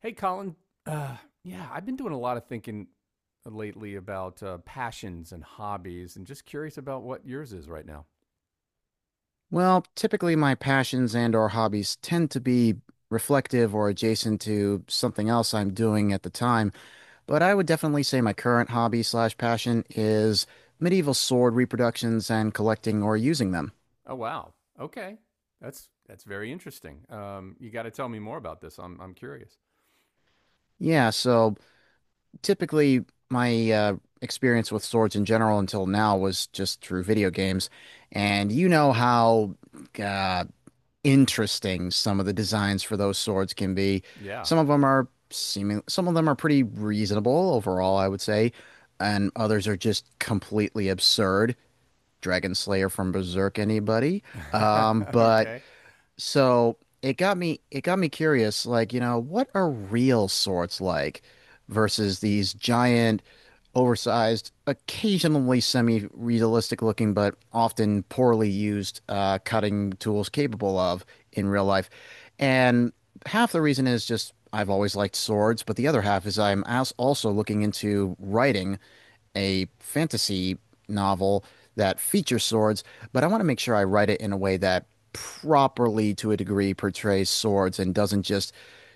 Hey, Colin. Uh, yeah, I've been doing a lot of thinking lately about passions and hobbies, and just curious about what yours is right now. Well, typically my passions and or hobbies tend to be reflective or adjacent to something else I'm doing at the time, but I would definitely say my current hobby slash passion is medieval sword reproductions and collecting or using them. Oh, wow. Okay, that's very interesting. You got to tell me more about this. I'm curious. Yeah, so typically my experience with swords in general until now was just through video games, and you know how uh, interesting some of the designs for those swords can be. Yeah. Some of them are seeming, some of them are pretty reasonable overall, I would say, and others are just completely absurd. Dragon Slayer from Berserk, anybody? Um, but Okay. so it got me curious, like, you know, what are real swords like versus these giant, oversized, occasionally semi-realistic looking, but often poorly used cutting tools capable of in real life. And half the reason is just I've always liked swords, but the other half is I'm also looking into writing a fantasy novel that features swords, but I want to make sure I write it in a way that properly, to a degree, portrays swords and doesn't just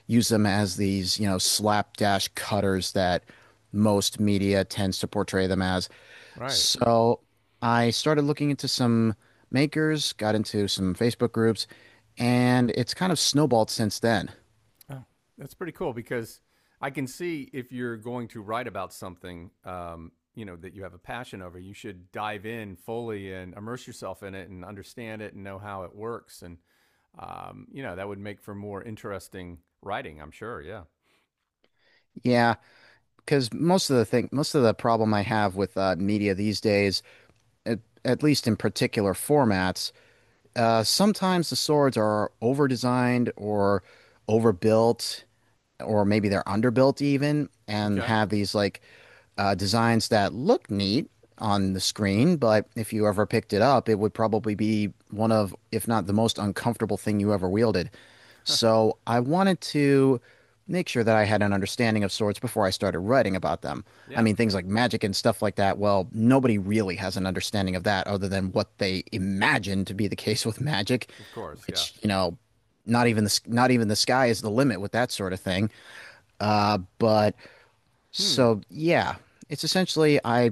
use them as these, you know, slapdash cutters that most media tends to portray them as. Right. So I started looking into some makers, got into some Facebook groups, and it's kind of snowballed since then. Oh, that's pretty cool because I can see if you're going to write about something, you know, that you have a passion over, you should dive in fully and immerse yourself in it and understand it and know how it works. And, you know, that would make for more interesting writing, I'm sure. Yeah. Yeah, because most of the thing, most of the problem I have with media these days, at, at least in particular formats, sometimes the swords are over-designed or overbuilt, or maybe they're underbuilt even and Okay. have these like designs that look neat on the screen, but if you ever picked it up, it would probably be one of, if not the most uncomfortable thing you ever wielded. So I wanted to make sure that I had an understanding of swords before I started writing about them. I Yeah. mean, things like magic and stuff like that, well, nobody really has an understanding of that other than what they imagine to be the case with magic, Of course. Yeah. which, you know, not even the sky is the limit with that sort of thing. Uh, but Hmm. so yeah, it's essentially I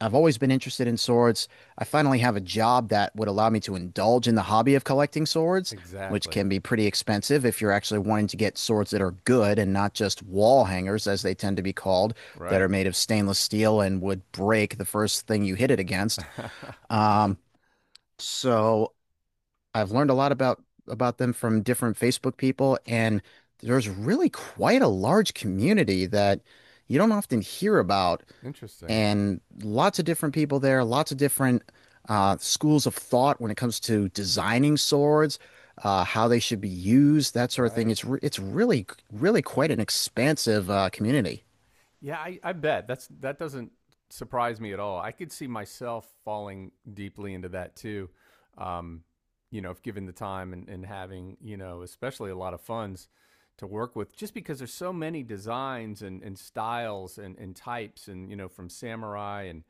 I've always been interested in swords. I finally have a job that would allow me to indulge in the hobby of collecting swords, which Exactly. can be pretty expensive if you're actually wanting to get swords that are good and not just wall hangers, as they tend to be called, that Right. are made of stainless steel and would break the first thing you hit it against. Um, so I've learned a lot about them from different Facebook people, and there's really quite a large community that you don't often hear about, Interesting. and lots of different people there, lots of different schools of thought when it comes to designing swords, how they should be used, that sort of thing. Right. It's re it's really really quite an expansive community. Yeah, I bet that's that doesn't surprise me at all. I could see myself falling deeply into that too. Um, you know, if given the time and having, you know, especially a lot of funds to work with, just because there's so many designs and styles and types and, you know, from samurai and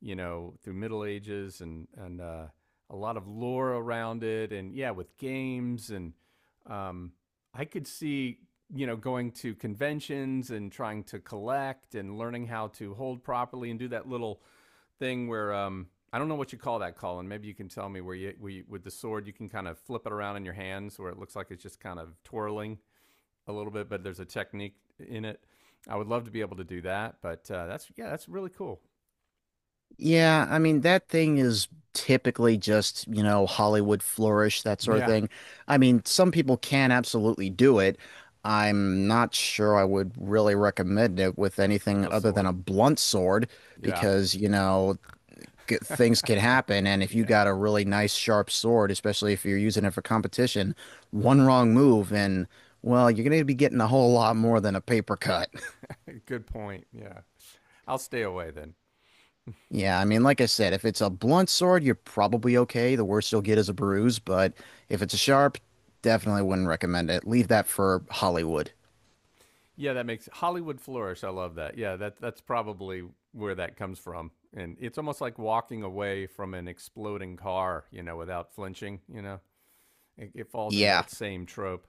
you know, through Middle Ages and a lot of lore around it, and yeah, with games and um, I could see you know going to conventions and trying to collect and learning how to hold properly and do that little thing where I don't know what you call that, Colin. Maybe you can tell me where you with the sword you can kind of flip it around in your hands where it looks like it's just kind of twirling a little bit, but there's a technique in it. I would love to be able to do that, but that's yeah, that's really cool. Yeah, I mean, that thing is typically just, you know, Hollywood flourish, that sort of Yeah, thing. I mean, some people can absolutely do it. I'm not sure I would really recommend it with with anything a other than sword. a blunt sword Yeah. because, you know, g things can happen. And if you Yeah. got a really nice sharp sword, especially if you're using it for competition, one wrong move and, well, you're going to be getting a whole lot more than a paper cut. Good point. Yeah. I'll stay away then. Yeah, I mean, like I said, if it's a blunt sword, you're probably okay. The worst you'll get is a bruise, but if it's a sharp, definitely wouldn't recommend it. Leave that for Hollywood. Yeah, that makes Hollywood flourish. I love that. Yeah, that's probably where that comes from. And it's almost like walking away from an exploding car, you know, without flinching, you know. It falls into Yeah, that same trope.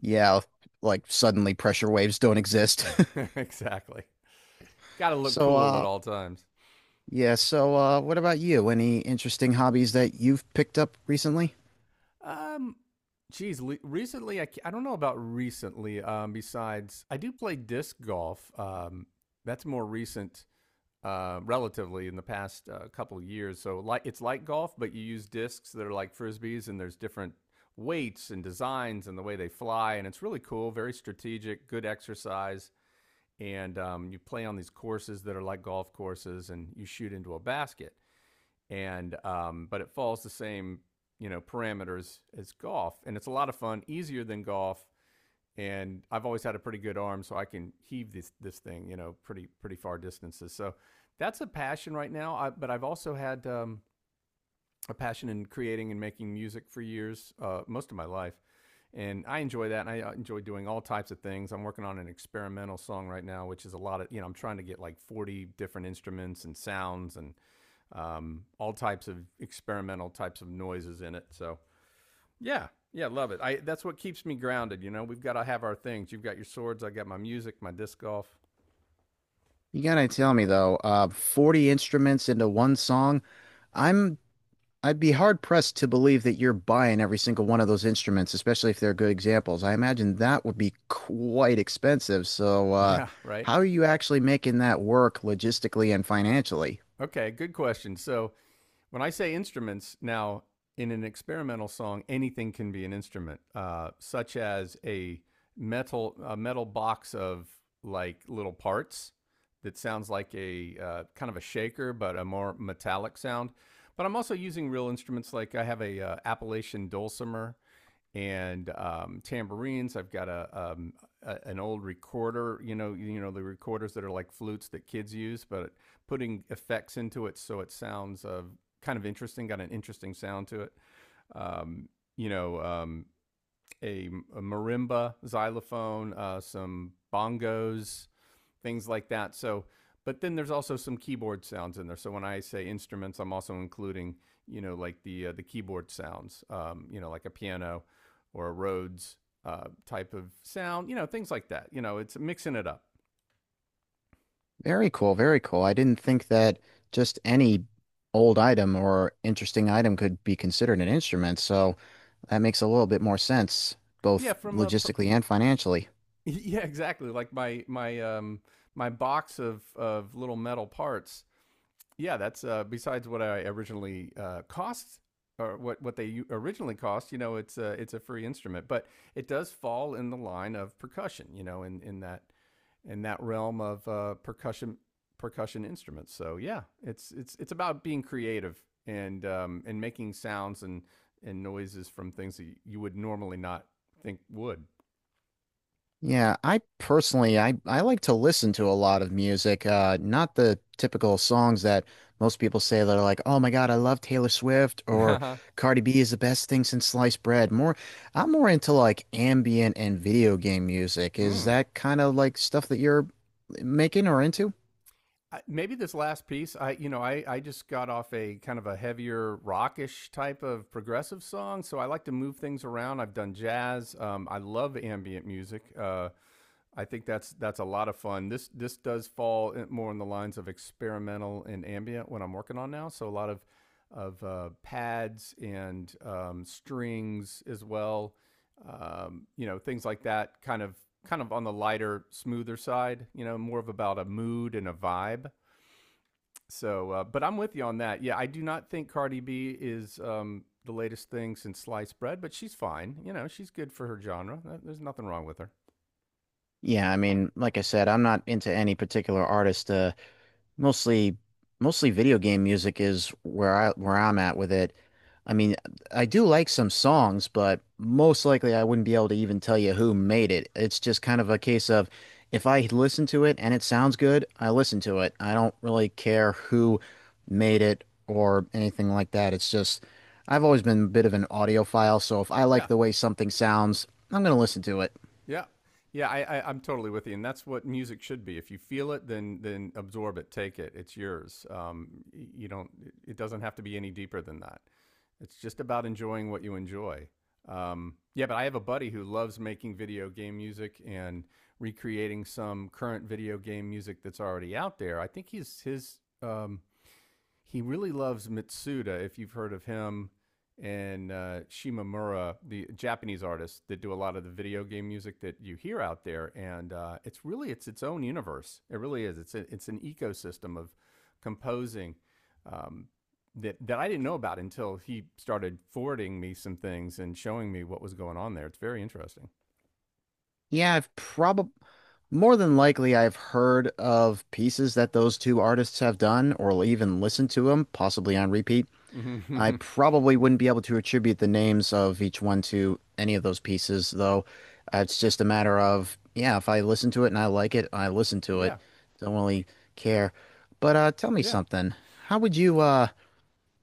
yeah, like suddenly pressure waves don't exist. Exactly. Got to look So, cool at all times. yeah, so, what about you? Any interesting hobbies that you've picked up recently? Um Geez, recently I don't know about recently. Besides, I do play disc golf. That's more recent relatively in the past couple of years. So like it's like golf, but you use discs that are like frisbees, and there's different weights and designs and the way they fly, and it's really cool, very strategic, good exercise. And you play on these courses that are like golf courses, and you shoot into a basket. And but it follows the same you know parameters as golf, and it's a lot of fun, easier than golf and I've always had a pretty good arm, so I can heave this thing, you know, pretty pretty far distances. So that's a passion right now. But I've also had a passion in creating and making music for years, most of my life, and I enjoy that. And I enjoy doing all types of things. I'm working on an experimental song right now, which is a lot of you know. I'm trying to get like 40 different instruments and sounds and all types of experimental types of noises in it. So yeah. Yeah, love it. I That's what keeps me grounded, you know. We've got to have our things. You've got your swords, I got my music, my disc golf. You gotta tell me though, 40 instruments into one song. I'm I'd be hard pressed to believe that you're buying every single one of those instruments, especially if they're good examples. I imagine that would be quite expensive. So, Yeah, right. how are you actually making that work logistically and financially? Okay, good question. So, when I say instruments, now in an experimental song, anything can be an instrument, such as a metal box of like little parts that sounds like a kind of a shaker, but a more metallic sound. But I'm also using real instruments. Like I have a Appalachian dulcimer and tambourines. I've got a an old recorder, you know the recorders that are like flutes that kids use, but putting effects into it so it sounds kind of interesting, got an interesting sound to it. Um, you know, a, a marimba, xylophone, some bongos, things like that. So, but then there's also some keyboard sounds in there. So when I say instruments, I'm also including, you know, like the keyboard sounds, you know, like a piano or a Rhodes type of sound, you know, things like that. You know, it's mixing it up. Very cool, very cool. I didn't think that just any old item or interesting item could be considered an instrument. So that makes a little bit more sense, Yeah, both from a logistically and financially. yeah, exactly. Like my my box of little metal parts yeah, that's besides what I originally cost or what they originally cost. You know, it's a free instrument, but it does fall in the line of percussion. You know, in that realm of percussion instruments. So yeah, it's it's about being creative and making sounds and noises from things that you would normally not think would. Yeah, I personally I like to listen to a lot of music, not the typical songs that most people say that are like, "Oh my God, I love Taylor Swift" or Mm. "Cardi B is the best thing since sliced bread." More I'm more into like ambient and video game music. Is that kind of like stuff that you're making or into? Maybe this last piece I you know I just got off a kind of a heavier rockish type of progressive song so I like to move things around. I've done jazz I love ambient music I think that's a lot of fun. This does fall more in the lines of experimental and ambient when I'm working on now, so a lot of pads and strings as well you know, things like that, kind of on the lighter smoother side, you know, more of about a mood and a vibe, so, but I'm with you on that. Yeah, I do not think Cardi B is the latest thing since sliced bread, but she's fine. You know, she's good for her genre. There's nothing wrong with her. Yeah, I mean, like I said, I'm not into any particular artist. Mostly mostly video game music is where I where I'm at with it. I mean, I do like some songs, but most likely I wouldn't be able to even tell you who made it. It's just kind of a case of if I listen to it and it sounds good, I listen to it. I don't really care who made it or anything like that. It's just I've always been a bit of an audiophile, so if I like Yeah, the way something sounds, I'm gonna listen to it. Yeah. Yeah, I'm totally with you, and that's what music should be. If you feel it, then absorb it, take it. It's yours. You don't. It doesn't have to be any deeper than that. It's just about enjoying what you enjoy. Yeah, but I have a buddy who loves making video game music and recreating some current video game music that's already out there. I think he's his he really loves Mitsuda, if you've heard of him, and Shimamura, the Japanese artist that do a lot of the video game music that you hear out there. And it's really it's its own universe. It really is. It's an ecosystem of composing. Um, that I didn't know about until he started forwarding me some things and showing me what was going on there. It's very interesting. Yeah, I've probably More than likely, I've heard of pieces that those two artists have done or even listened to them, possibly on repeat. I probably wouldn't be able to attribute the names of each one to any of those pieces, though. It's just a matter of, yeah, if I listen to it and I like it, I listen to it. Yeah. Don't really care. But tell me Yeah. something. How would you,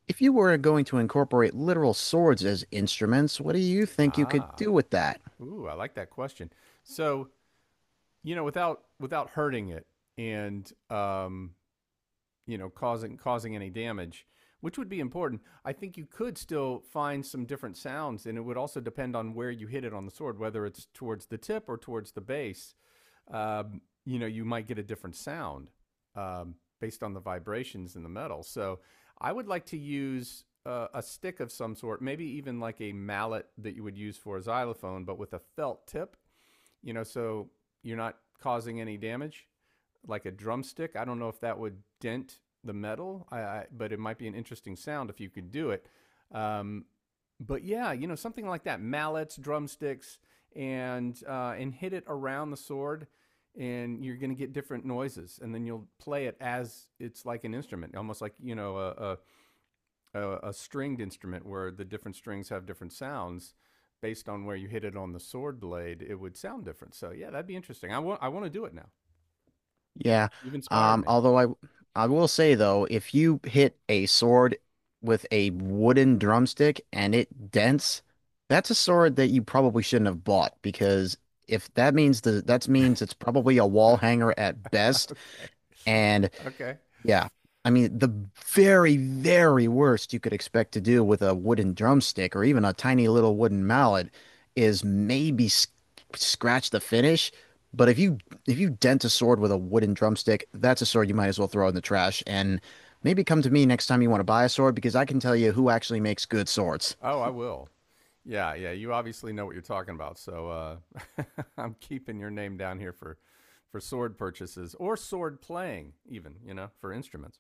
if you were going to incorporate literal swords as instruments, what do you think you could Ah. do with that? Ooh, I like that question. So you know, without hurting it and you know causing any damage, which would be important. I think you could still find some different sounds, and it would also depend on where you hit it on the sword, whether it's towards the tip or towards the base. You know, you might get a different sound based on the vibrations in the metal. So, I would like to use a stick of some sort, maybe even like a mallet that you would use for a xylophone, but with a felt tip you know, so you're not causing any damage. Like a drumstick, I don't know if that would dent the metal, but it might be an interesting sound if you could do it. Um, but yeah, you know, something like that: mallets, drumsticks, and hit it around the sword, and you're going to get different noises. And then you'll play it as it's like an instrument, almost like, you know, a stringed instrument where the different strings have different sounds based on where you hit it on the sword blade, it would sound different. So yeah, that'd be interesting. I want to do it now. Yeah. You've inspired Um, me. although I I will say though, if you hit a sword with a wooden drumstick and it dents, that's a sword that you probably shouldn't have bought because if that means it's probably a wall hanger at best, Okay. and Okay. yeah. I mean, the very, very worst you could expect to do with a wooden drumstick or even a tiny little wooden mallet is maybe sc scratch the finish. But if you dent a sword with a wooden drumstick, that's a sword you might as well throw in the trash. And maybe come to me next time you want to buy a sword because I can tell you who actually makes good swords. Oh, I will. Yeah, yeah. You obviously know what you're talking about. So I'm keeping your name down here for sword purchases or sword playing, even you know, for instruments.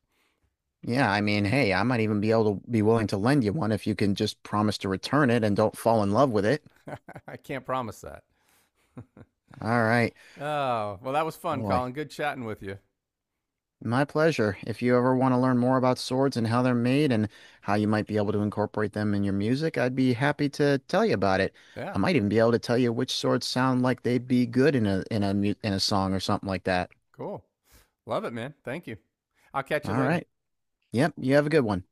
Yeah, I mean, hey, I might even be able to be willing to lend you one if you can just promise to return it and don't fall in love with it. I can't promise that. All right, Oh, well, that was fun, boy. Colin. Good chatting with you. My pleasure. If you ever want to learn more about swords and how they're made and how you might be able to incorporate them in your music, I'd be happy to tell you about it. Yeah. I might even be able to tell you which swords sound like they'd be good in a in a song or something like that. Cool. Love it, man. Thank you. I'll catch you All later. right. Yep, you have a good one.